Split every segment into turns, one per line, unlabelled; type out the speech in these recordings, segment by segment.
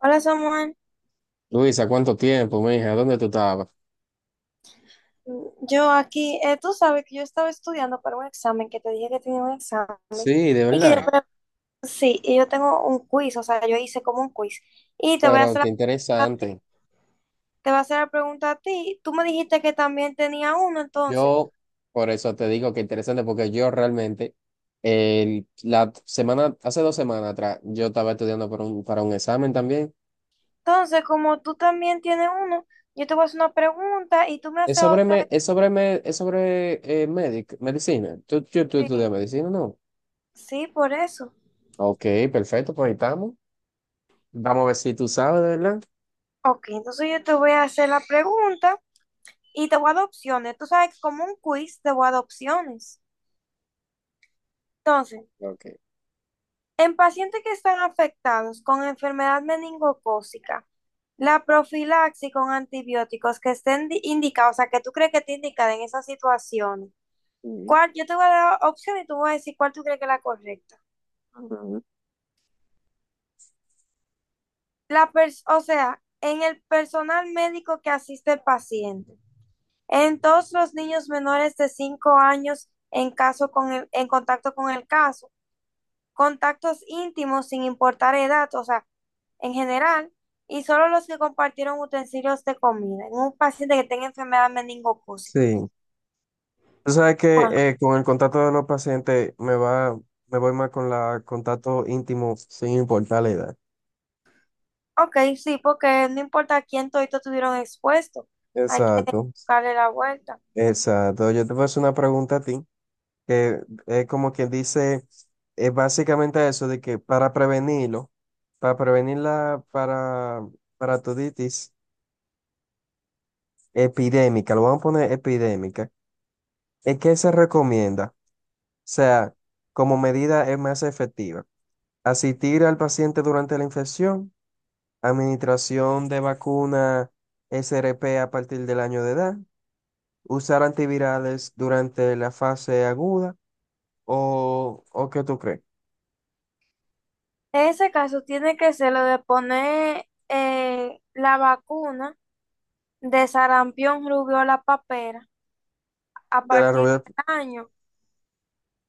Hola Samuel,
Luisa, ¿cuánto tiempo, mija? ¿Dónde tú estabas?
yo aquí, tú sabes que yo estaba estudiando para un examen, que te dije que tenía un examen
Sí, de
y que yo,
verdad.
sí, y yo tengo un quiz, o sea, yo hice como un quiz y te voy a
Pero
hacer la
qué
pregunta a ti,
interesante.
te voy a hacer la pregunta a ti, tú me dijiste que también tenía uno, entonces,
Yo, por eso te digo que interesante, porque yo realmente, la semana, hace dos semanas atrás, yo estaba estudiando para un examen también.
entonces como tú también tienes uno, yo te voy a hacer una pregunta y tú me
Es
haces
sobre,
otra,
me- es sobre, me- es sobre medicina. ¿Tú
sí,
estudias medicina, no?
sí, por eso.
Ok, perfecto, pues ahí estamos. Vamos a ver si tú sabes, de verdad.
Ok, entonces yo te voy a hacer la pregunta y te voy a dar opciones, tú sabes que como un quiz te voy a dar opciones, entonces.
Ok.
En pacientes que están afectados con enfermedad meningocócica, la profilaxis con antibióticos que estén indicados, o sea, que tú crees que te indican en esas situaciones.
Mm.
¿Cuál? Yo te voy a dar opción y tú vas a decir cuál tú crees que es la correcta. O sea, en el personal médico que asiste al paciente, en todos los niños menores de 5 años en caso con en contacto con el caso, contactos íntimos sin importar edad, o sea, en general y solo los que compartieron utensilios de comida en un paciente que tenga enfermedad meningocócica.
Sí. Tú sabes que
Bueno,
con el contacto de los pacientes me voy más con la contacto íntimo sin importar la edad.
ok, sí, porque no importa quién todito tuvieron expuesto, hay que
Exacto,
darle la vuelta.
exacto. Yo te voy a hacer una pregunta a ti, que es como quien dice, es básicamente eso de que para prevenirlo, para prevenir la paratoditis epidémica, lo vamos a poner epidémica, ¿es qué se recomienda? O sea, como medida es más efectiva, asistir al paciente durante la infección. Administración de vacuna SRP a partir del año de edad. Usar antivirales durante la fase aguda. ¿O qué tú crees?
En ese caso tiene que ser lo de poner la vacuna de sarampión, rubiola, papera a
De la
partir
rubia.
del año.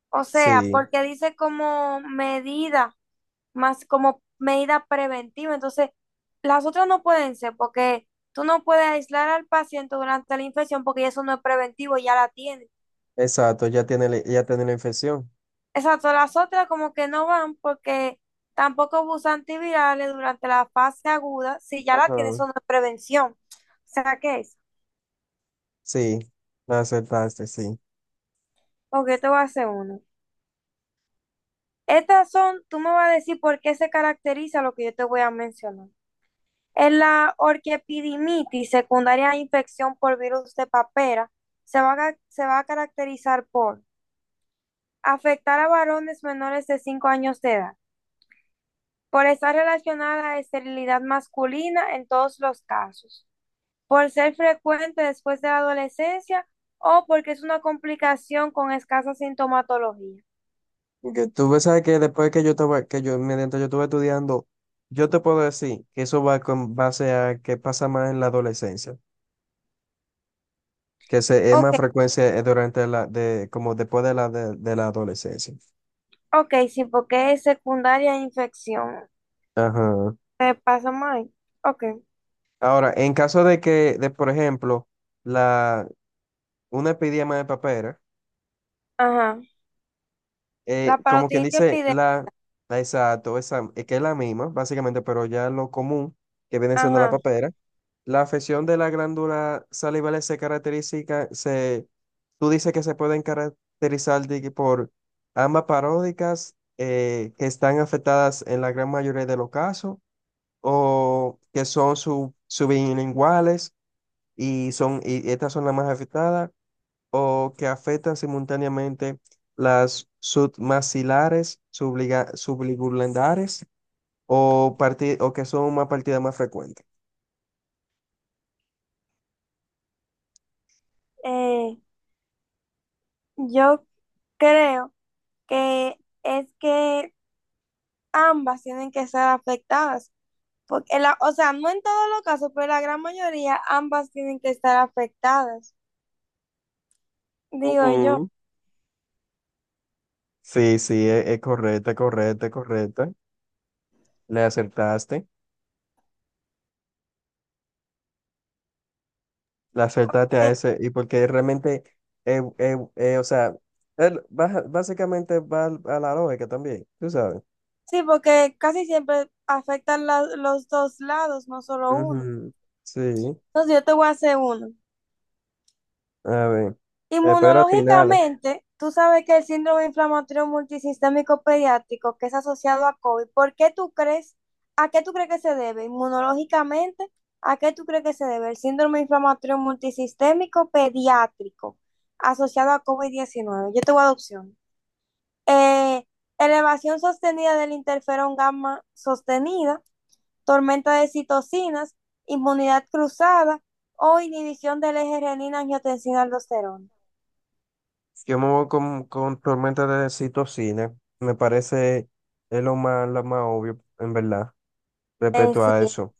O sea,
Sí,
porque dice como medida más como medida preventiva. Entonces, las otras no pueden ser porque tú no puedes aislar al paciente durante la infección porque eso no es preventivo, ya la tiene.
exacto. Ya tiene, ya tiene la infección.
Exacto, las otras como que no van porque tampoco usa antivirales durante la fase aguda, si ya la tiene,
Ajá.
eso no es prevención. O sea, ¿qué es?
Sí, la aceptaste, sí.
Porque yo te voy a hacer uno. Estas son, tú me vas a decir por qué se caracteriza lo que yo te voy a mencionar. En la orquiepididimitis secundaria a infección por virus de papera, se va a, se va a caracterizar por afectar a varones menores de 5 años de edad, por estar relacionada a esterilidad masculina en todos los casos, por ser frecuente después de la adolescencia o porque es una complicación con escasa sintomatología.
Y que tú ves, sabes que después que yo estaba, que yo, mientras yo estuve estudiando, yo te puedo decir que eso va con base a que pasa más en la adolescencia, que se, es
Ok,
más frecuencia durante la, de, como después de la, de la adolescencia.
ok, sí, porque es secundaria a infección.
Ajá.
¿Te pasa mal? Ok,
Ahora, en caso de que, por ejemplo, la, una epidemia de papera,
ajá. La
como quien
parotiditis
dice,
epidémica,
la, exacto, esa, es que es la misma, básicamente, pero ya lo común que viene siendo la
ajá.
papera, la afección de la glándula salival se caracteriza, se, tú dices que se pueden caracterizar de que por ambas paródicas que están afectadas en la gran mayoría de los casos o que son sublinguales y son y estas son las más afectadas o que afectan simultáneamente las submaxilares, subligulares o que son una partida más frecuente.
Eh, yo creo que es que ambas tienen que ser afectadas. Porque la, o sea, no en todos los casos, pero la gran mayoría, ambas tienen que estar afectadas, digo yo.
Ujú. Sí, sí, es correcta, es correcta, es correcta. Le acertaste, le acertaste a
Eh,
ese, y porque realmente, o sea, básicamente va a la lógica también, tú sabes.
sí, porque casi siempre afectan los dos lados, no solo uno.
Ujú, sí,
Entonces yo te voy a hacer uno.
a ver, espero final.
Inmunológicamente, tú sabes que el síndrome inflamatorio multisistémico pediátrico que es asociado a COVID, ¿por qué tú crees, a qué tú crees que se debe? Inmunológicamente, ¿a qué tú crees que se debe el síndrome inflamatorio multisistémico pediátrico asociado a COVID-19? Yo te voy a dar opciones. Eh, elevación sostenida del interferón gamma sostenida, tormenta de citocinas, inmunidad cruzada o inhibición del eje renina-angiotensina-aldosterona.
Yo me voy con tormenta de citocina. Me parece es lo más obvio, en verdad, respecto
Sí,
a eso.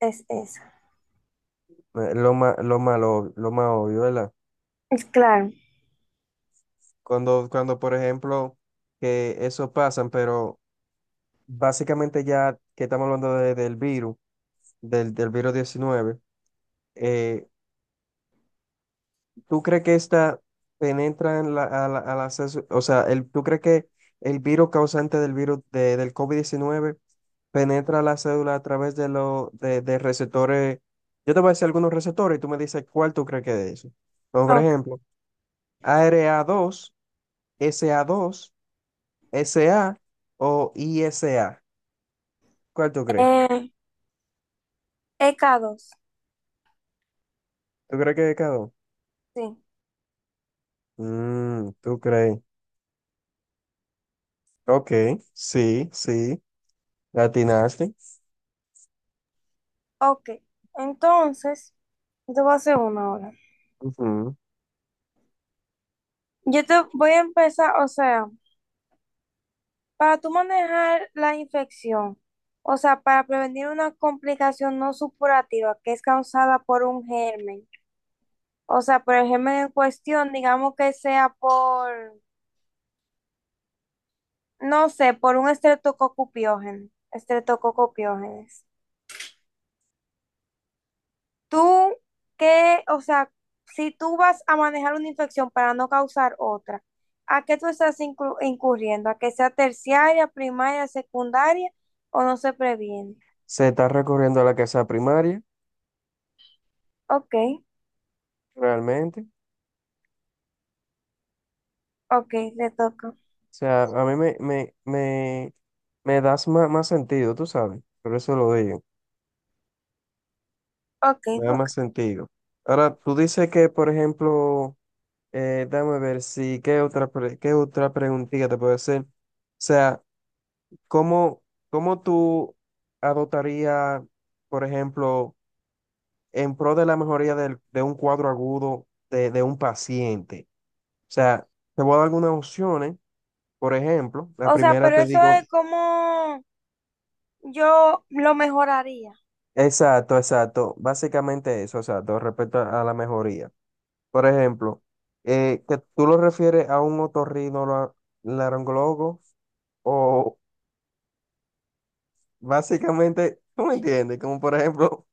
es esa.
Lo más, lo más, lo más obvio, ¿verdad?
Es claro.
Cuando, cuando, por ejemplo, que eso pasan, pero básicamente ya que estamos hablando del virus, del virus 19 eh, ¿tú crees que esta penetra en al acceso? O sea, ¿tú crees que el virus causante del virus del COVID 19 penetra la cédula a través de los de receptores? Yo te voy a decir algunos receptores y tú me dices cuál tú crees que es eso. Como por
Ok.
ejemplo, A R A dos, S A dos, S A o I S A. ¿Cuál tú crees?
Eh, EK2.
¿Tú crees que es cada uno?
Sí.
¿Tú crees? Ok, sí, sí, latinaste.
Ok. Entonces, yo te voy a hacer una ahora.
Ujú.
Yo te voy a empezar, o sea, para tú manejar la infección, o sea, para prevenir una complicación no supurativa que es causada por un germen, o sea, por el germen en cuestión, digamos que sea por, no sé, por un estreptococo piógeno, estreptococo piógenes. Tú, ¿qué? O sea, si tú vas a manejar una infección para no causar otra, ¿a qué tú estás incurriendo? ¿A que sea terciaria, primaria, secundaria o no se previene?
Se está recurriendo a la casa primaria,
Ok,
realmente. O
ok, le toca.
sea, a mí me das más sentido, tú sabes. Por eso lo digo.
Ok,
Me da
ok.
más sentido. Ahora, tú dices que, por ejemplo, dame ver si, qué otra preguntita te puedo hacer? O sea, ¿cómo, cómo tú adoptarías, por ejemplo, en pro de la mejoría de un cuadro agudo de un paciente? O sea, te voy a dar algunas opciones. Por ejemplo, la
O sea,
primera
pero
te
eso
digo,
es como yo lo mejoraría.
exacto, exacto, básicamente eso, exacto, respecto a la mejoría. Por ejemplo, que tú lo refieres a un otorrinolaringólogo o básicamente, ¿tú me entiendes? Como por ejemplo,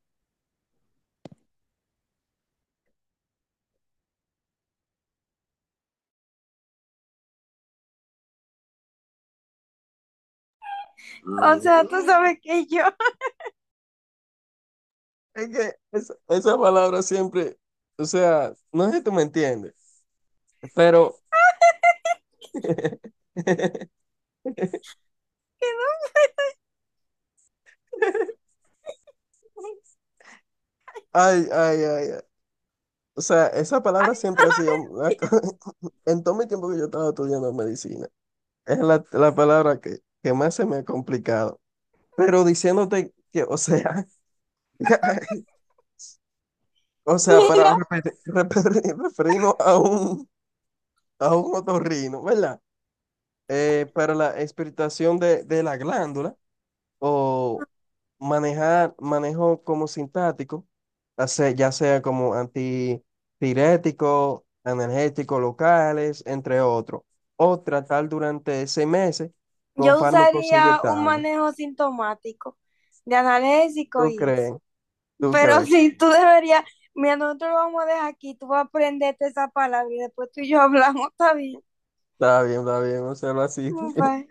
O sea, tú sabes que yo,
es que esa palabra siempre, o sea, no sé si tú me entiendes, pero,
que
ay, ay, ay, ay. O sea, esa palabra siempre ha sido, en todo mi tiempo que yo estaba estudiando medicina, es la palabra que más se me ha complicado. Pero diciéndote que, o sea. O sea, para referirnos a un, otorrino, ¿verdad? Para la expectación de la glándula o manejo como sintático, ya sea como antitirético, analgésicos locales, entre otros, o tratar durante 6 meses
no.
con
Yo
fármacos
usaría un
inyectables.
manejo sintomático de analésico
¿Tú
y
crees?
eso.
¿Tú
Pero
crees?
sí, tú deberías, mira, nosotros lo vamos a dejar aquí, tú vas a aprenderte esa palabra y después tú y yo hablamos, está bien.
Está bien, hacerlo así.
Bye.